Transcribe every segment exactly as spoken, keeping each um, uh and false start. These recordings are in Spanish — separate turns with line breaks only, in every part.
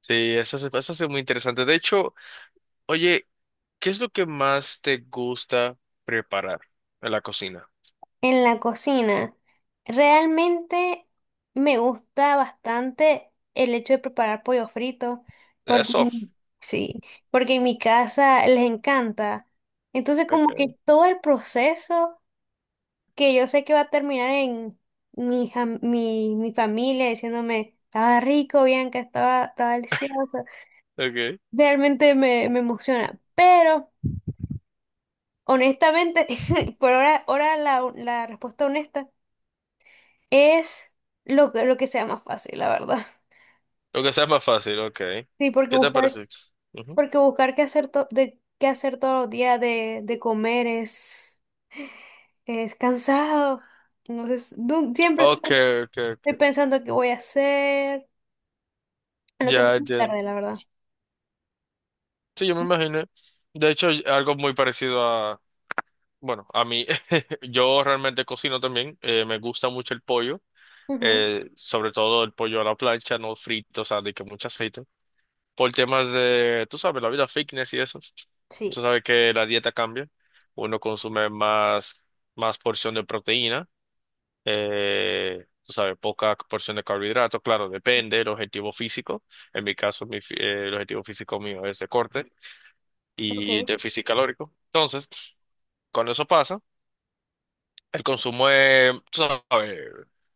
Sí, eso se, eso es muy interesante. De hecho, oye, ¿qué es lo que más te gusta preparar en la cocina?
En la cocina, realmente me gusta bastante el hecho de preparar pollo frito, porque
Eso.
sí, porque en mi casa les encanta. Entonces, como
Okay,
que todo el proceso que yo sé que va a terminar en mi, jam- mi, mi familia diciéndome, estaba rico, Bianca, estaba, estaba delicioso.
okay.
Realmente me, me emociona. Pero, honestamente, por ahora, ahora la, la respuesta honesta. Es lo que, lo que sea más fácil, la verdad.
Lo que sea más fácil, okay.
Sí, porque
¿Qué te
buscar,
parece? Ujú.
porque buscar qué hacer, to- de, qué hacer todos los días de, de comer es, es cansado. Entonces, nu- siempre estoy
Okay, okay,
estoy
okay.
pensando qué voy a hacer, en lo que más
Ya, ya.
tarde, la verdad.
Sí, yo me imaginé. De hecho, algo muy parecido a, bueno, a mí. Yo realmente cocino también. Eh, me gusta mucho el pollo,
Ujú.
eh, sobre todo el pollo a la plancha, no frito, o sea, de que mucho aceite. Por temas de, tú sabes, la vida fitness y eso.
Sí,
Tú sabes que la dieta cambia. Uno consume más, más porción de proteína, eh, tú sabes, poca porción de carbohidratos. Claro, depende del objetivo físico. En mi caso, mi, fi- eh, el objetivo físico mío es de corte y
ok.
déficit calórico. Entonces, cuando eso pasa, el consumo es, tú sabes,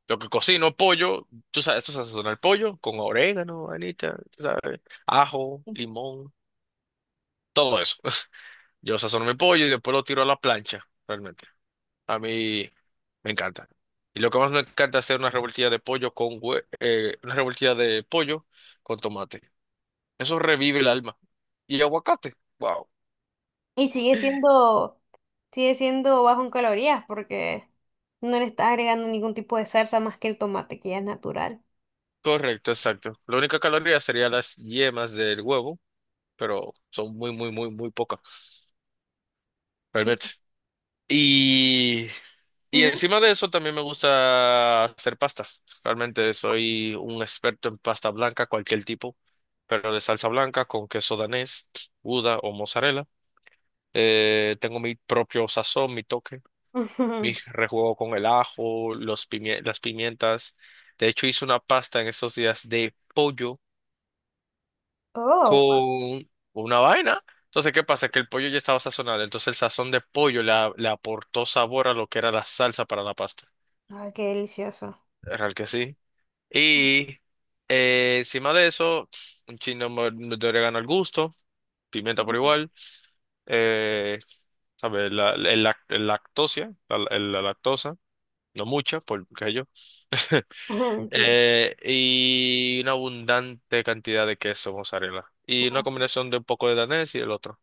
lo que cocino, pollo, tú sabes, esto se sazona el pollo con orégano, anita, tú sabes, ajo,
Sí.
limón, todo eso. Yo sazono mi pollo y después lo tiro a la plancha, realmente. A mí me encanta. Y lo que más me encanta es hacer una revoltilla de pollo con hue- eh, una revoltilla de pollo con tomate. Eso revive el alma. Y aguacate. Wow.
Y sigue siendo, sigue siendo bajo en calorías porque no le estás agregando ningún tipo de salsa más que el tomate, que ya es natural.
Correcto, exacto. La única caloría sería las yemas del huevo, pero son muy, muy, muy, muy pocas. Realmente.
Sí.
Y, y
Ujú.
encima de eso también me gusta hacer pasta. Realmente soy un experto en pasta blanca, cualquier tipo, pero de salsa blanca con queso danés, gouda o mozzarella. Eh, tengo mi propio sazón, mi toque, mi rejuego con el ajo, los pimie- las pimientas. De hecho, hice una pasta en estos días de pollo
Oh.
con una vaina. Entonces, ¿qué pasa? Que el pollo ya estaba sazonado, entonces el sazón de pollo le a- le aportó sabor a lo que era la salsa para la pasta.
Ay, qué delicioso.
Real que sí. Y eh, encima de eso, un chino mo- de orégano al gusto, pimienta por
Ujú.
igual, eh, ¿sabes? La, el lac- el lactosia, la, el- la lactosa, no mucha, porque yo.
Ujú, sí.
Eh, y una abundante cantidad de queso mozzarella. Y una
Ujú.
combinación de un poco de danés y del otro.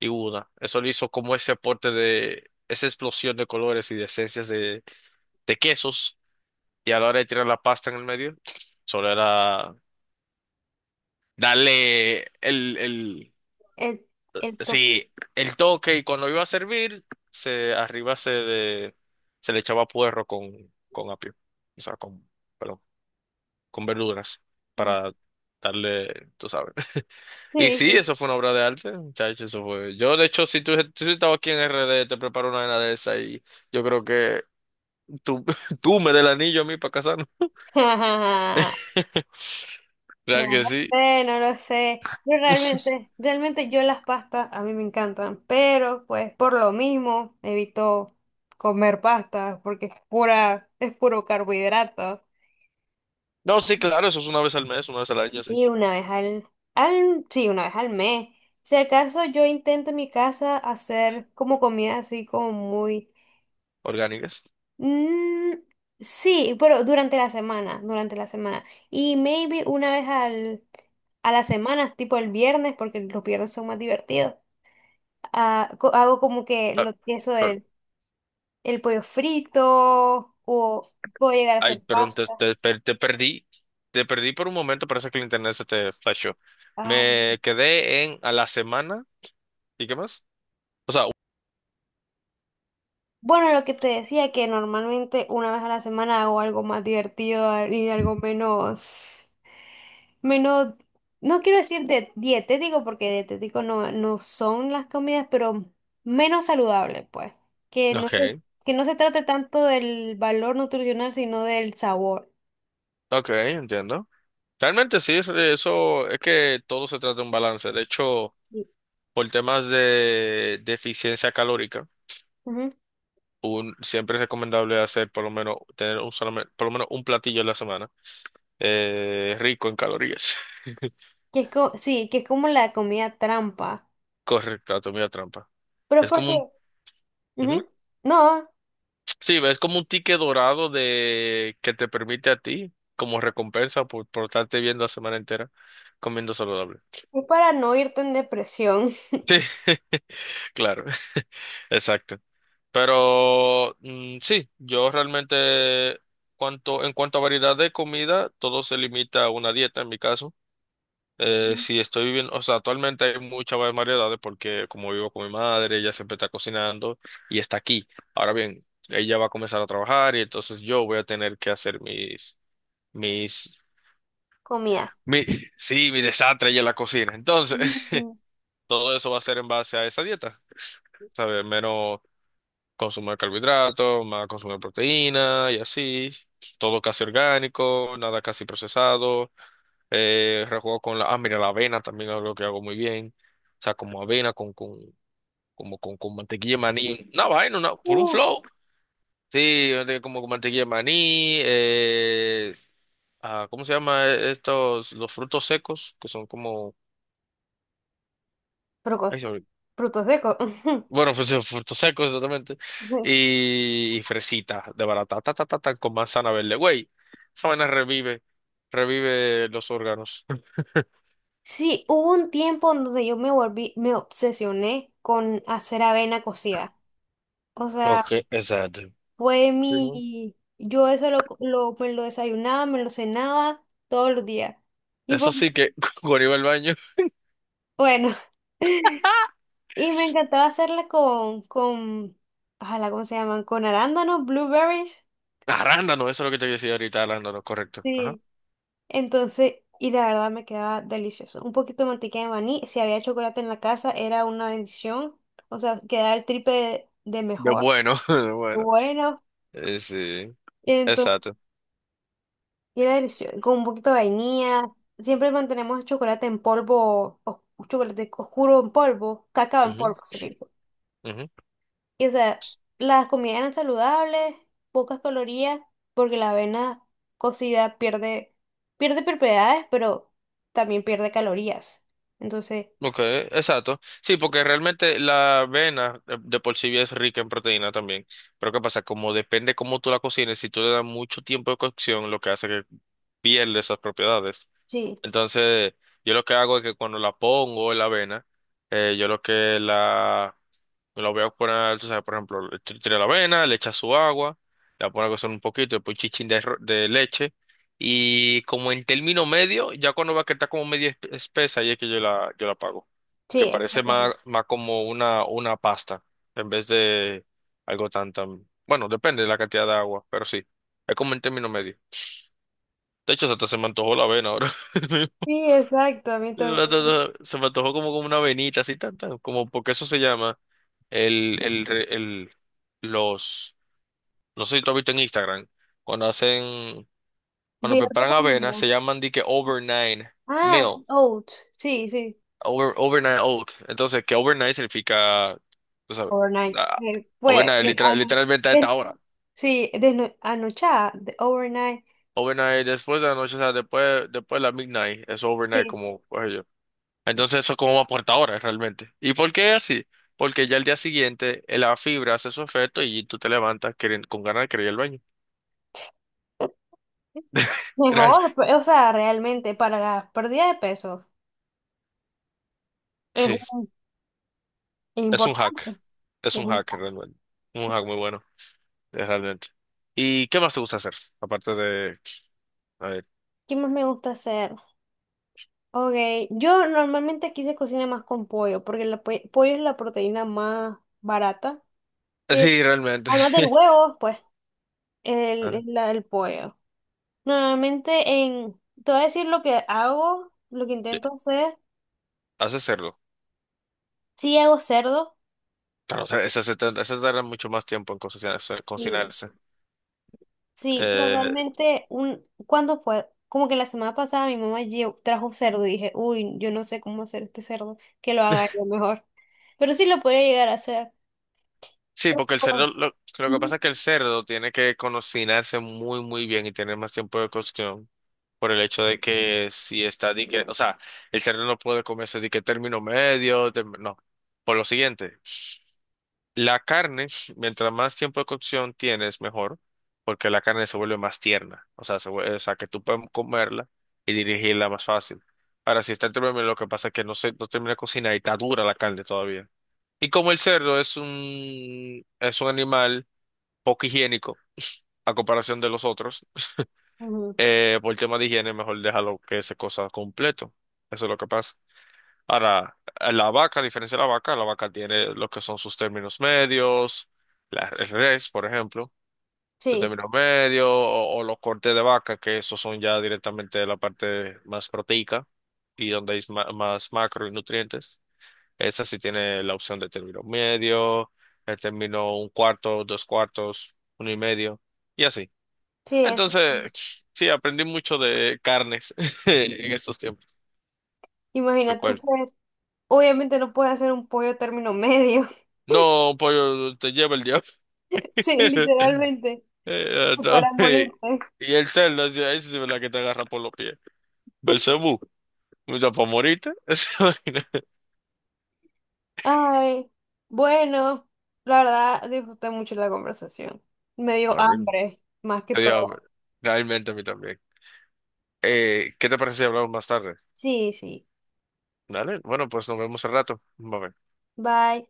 Y gouda. Eso le hizo como ese aporte de esa explosión de colores y de esencias de, de quesos. Y a la hora de tirar la pasta en el medio, solo era darle el, el,
El, el top.
sí, el toque, y cuando iba a servir, se, arriba se le, se le echaba puerro con, con apio, o sea, con, perdón, con verduras
Ah,
para darle, tú sabes. Y
sí.
sí, eso fue una obra de arte, muchachos, eso fue. Yo, de hecho, si tú, si tú estabas aquí en erre de, te preparo una vaina de esa y yo creo que tú, tú me des el anillo a mí para casarnos.
Sí. No
Real que
lo
sí.
sé, no lo sé. Pero realmente, realmente yo las pastas a mí me encantan, pero pues por lo mismo evito comer pastas porque es pura, es puro carbohidrato.
No, sí, claro, eso es una vez al mes, una vez al año, sí.
Y una vez al, al, sí, una vez al mes. Si acaso yo intento en mi casa hacer como comida así como muy.
Orgánicas.
Mm, sí, pero durante la semana, durante la semana. Y maybe una vez al, a la semana, tipo el viernes, porque los viernes son más divertidos. Ah, co- hago como que lo, eso
Ah,
del el pollo frito o puedo llegar a
ay,
hacer
perdón, te,
pasta.
te per- te perdí. Te perdí por un momento, parece que el internet se te flashó.
Ay,
Me quedé en a la semana. ¿Y qué más? O sea,
bueno, lo que te decía, que normalmente una vez a la semana hago algo más divertido, ah, y algo menos. Menos, no quiero decir de dietético, porque dietético no, no son las comidas, pero menos saludable, pues. Que no se,
okay,
que no se trate tanto del valor nutricional, sino del sabor.
okay, entiendo. Realmente sí, es- eso es que todo se trata de un balance. De hecho,
Sí.
por temas de, de eficiencia calórica,
Ujú.
un, siempre es recomendable hacer por lo menos tener un solamente, por lo menos un platillo a la semana eh, rico en calorías.
Que es co- sí, que es como la comida trampa.
Correcto, anatomía trampa.
Pero es
Es como
porque,
un... Ujú.
ujú, no,
Sí, es como un ticket dorado de que te permite a ti como recompensa por, por estarte viendo la semana entera comiendo saludable.
es para no irte en depresión.
Sí, claro, exacto. Pero mm, sí, yo realmente cuanto, en cuanto a variedad de comida, todo se limita a una dieta en mi caso. Eh, si estoy viviendo, o sea, actualmente hay muchas más variedades porque como vivo con mi madre, ella siempre está cocinando y está aquí. Ahora bien, ella va a comenzar a trabajar y entonces yo voy a tener que hacer mis Mis,
Comida.
mi, sí, mi desastre y en la cocina. Entonces,
Mm.
todo eso va a ser en base a esa dieta, ¿sabes? Menos consumo de carbohidratos, más consumo de proteína y así. Todo casi orgánico, nada casi procesado. Eh, rejuego con la, ah, mira, la avena también es algo que hago muy bien. O sea, como avena con, con, como con, con mantequilla de maní. Una vaina, una- por un
Uh, sí.
flow. Sí, de- como con mantequilla de maní, eh, ah, ¿cómo se llama estos? Los frutos secos, que son como
Frucos-
ay, sobre-
frutos secos.
bueno, pues eh, frutos secos, exactamente. Y, y fresitas de barata, ta, ta, ta, ta, con manzana verde. Güey, esa vaina revive, revive los órganos.
Sí, hubo un tiempo en donde yo me volví, me obsesioné con hacer avena cocida. O sea,
Ok, exacto.
fue
Simón.
mi, yo eso lo, lo- me lo desayunaba, me lo cenaba todos los días. Y por-
Eso sí que cuando iba al baño.
bueno, y me encantaba hacerla con, con, ojalá, ¿cómo se llaman? Con arándanos, blueberries.
Arándano, eso es lo que te decía ahorita, arándano, correcto. Ajá.
Sí. Entonces, y la verdad me quedaba delicioso. Un poquito de mantequilla de maní, si había chocolate en la casa, era una bendición. O sea, quedaba el triple de de
De
mejor.
bueno, de bueno.
Bueno.
Eh, sí,
Entonces,
exacto.
y era delicioso, con un poquito de vainilla. Siempre mantenemos chocolate en polvo, o chocolate oscuro en polvo, cacao en
Ujú,
polvo se le dice.
ujú.
Y o sea, las comidas eran saludables, pocas calorías, porque la avena cocida pierde, pierde propiedades, pero también pierde calorías. Entonces,
Ok, exacto. Sí, porque realmente la avena de, de por sí ya es rica en proteína también. Pero ¿qué pasa? Como depende cómo tú la cocines, si tú le das mucho tiempo de cocción, lo que hace que pierde esas propiedades.
sí,
Entonces, yo lo que hago es que cuando la pongo en la avena, eh, yo lo que la lo voy a poner, tú sabes, por ejemplo, le t- tira la avena, le echa su agua, la pone a cocer un poquito, después un chichín de, arro- de leche. Y como en término medio, ya cuando va a estar como media espe- espesa, ahí es que yo la, yo la apago.
sí,
Que parece
exacto.
más, más como una, una pasta, en vez de algo tan, tan... Bueno, depende de la cantidad de agua, pero sí, es como en término medio. De hecho, hasta se me antojó la avena ahora.
Sí, exacto, a mí
Se me
también.
antojó se me antojó como, como una avenita, así, tan, tan, como porque eso se llama. El, el, el, los, no sé si tú has visto en Instagram, cuando hacen, cuando
Video de
preparan avena,
comida.
se llaman di que overnight
Ah,
meal,
oats, sí, sí.
over, overnight oat. Entonces, que overnight significa, tú sabes,
Overnight.
la-
Eh, Pues,
overnight,
de-
literal-
a-
literalmente a
de-
esta hora.
sí, de anochada, de overnight.
Overnight, después de la noche, o sea, después, después de la midnight, es overnight
Sí.
como, pues yo. Entonces, eso es como va por esta hora, realmente. ¿Y por qué así? Porque ya el día siguiente, eh, la fibra hace su efecto y tú te levantas queren- con ganas de querer ir al baño.
Mejor,
Realmente.
pe- o sea, realmente para la pérdida de peso es
Sí.
un- es
Es un hack.
importante.
Es
es
un
un-
hack realmente. Un
sí.
hack muy bueno, eh, realmente. ¿Y qué más te gusta hacer? Aparte de... A ver.
¿Qué más me gusta hacer? Ok, yo normalmente aquí se cocina más con pollo, porque el pue- pollo es la proteína más barata que,
Sí, realmente.
además del huevo, pues, el,
Ajá.
es la del pollo. Normalmente en, te voy a decir lo que hago, lo que
Sí,
intento hacer,
haces cerdo.
sí hago cerdo.
Claro, o sea, esas se tar- esas tardan mucho más tiempo en cocinarse. Cocinarse.
Sí, pero
Eh,
realmente, un, ¿cuándo fue? Como que la semana pasada mi mamá lle- trajo cerdo y dije, uy, yo no sé cómo hacer este cerdo, que lo haga yo mejor. Pero sí lo podría llegar a hacer.
sí, porque el cerdo, lo, lo que
Ujú.
pasa es que el cerdo tiene que cocinarse muy, muy bien y tener más tiempo de cocción por el hecho de que si está dique, o sea, el cerdo no puede comerse dique término medio, tem- no, por lo siguiente. La carne, mientras más tiempo de cocción tienes, mejor, porque la carne se vuelve más tierna, o sea, se vuelve- o sea, que tú puedes comerla y dirigirla más fácil. Ahora, si está en términos, lo que pasa es que no se, no termina de cocinar y está dura la carne todavía. Y como el cerdo es un, es un animal poco higiénico a comparación de los otros,
Ujú.
eh, por el tema de higiene, mejor déjalo que se cosa completo. Eso es lo que pasa. Ahora, la vaca, a diferencia de la vaca, la vaca tiene lo que son sus términos medios, la, el res, por ejemplo, el
Sí,
término medio, o, o los cortes de vaca, que esos son ya directamente la parte más proteica y donde hay ma- más, macro y nutrientes. Esa sí tiene la opción de término medio, el término un cuarto, dos cuartos, uno y medio, y así.
sí, eso.
Entonces, sí, aprendí mucho de carnes en estos tiempos, lo
Imagínate
cual
hacer. Obviamente no puedes hacer un pollo término medio.
no, pollo, te lleva el diablo.
Sí, literalmente,
Eh, está
para
bien.
morirte.
Y el cerdo, esa sí es la que te agarra por los pies. Belcebú, mucha pomorita. Esa vaina.
Ay, bueno, la verdad disfruté mucho la conversación. Me
Ah,
dio
really?
hambre, más que
Tenía hambre.
todo.
Realmente a mí también. Eh, ¿qué te parece si hablamos más tarde?
Sí, sí.
Dale, bueno, pues nos vemos al rato. Bye.
Bye.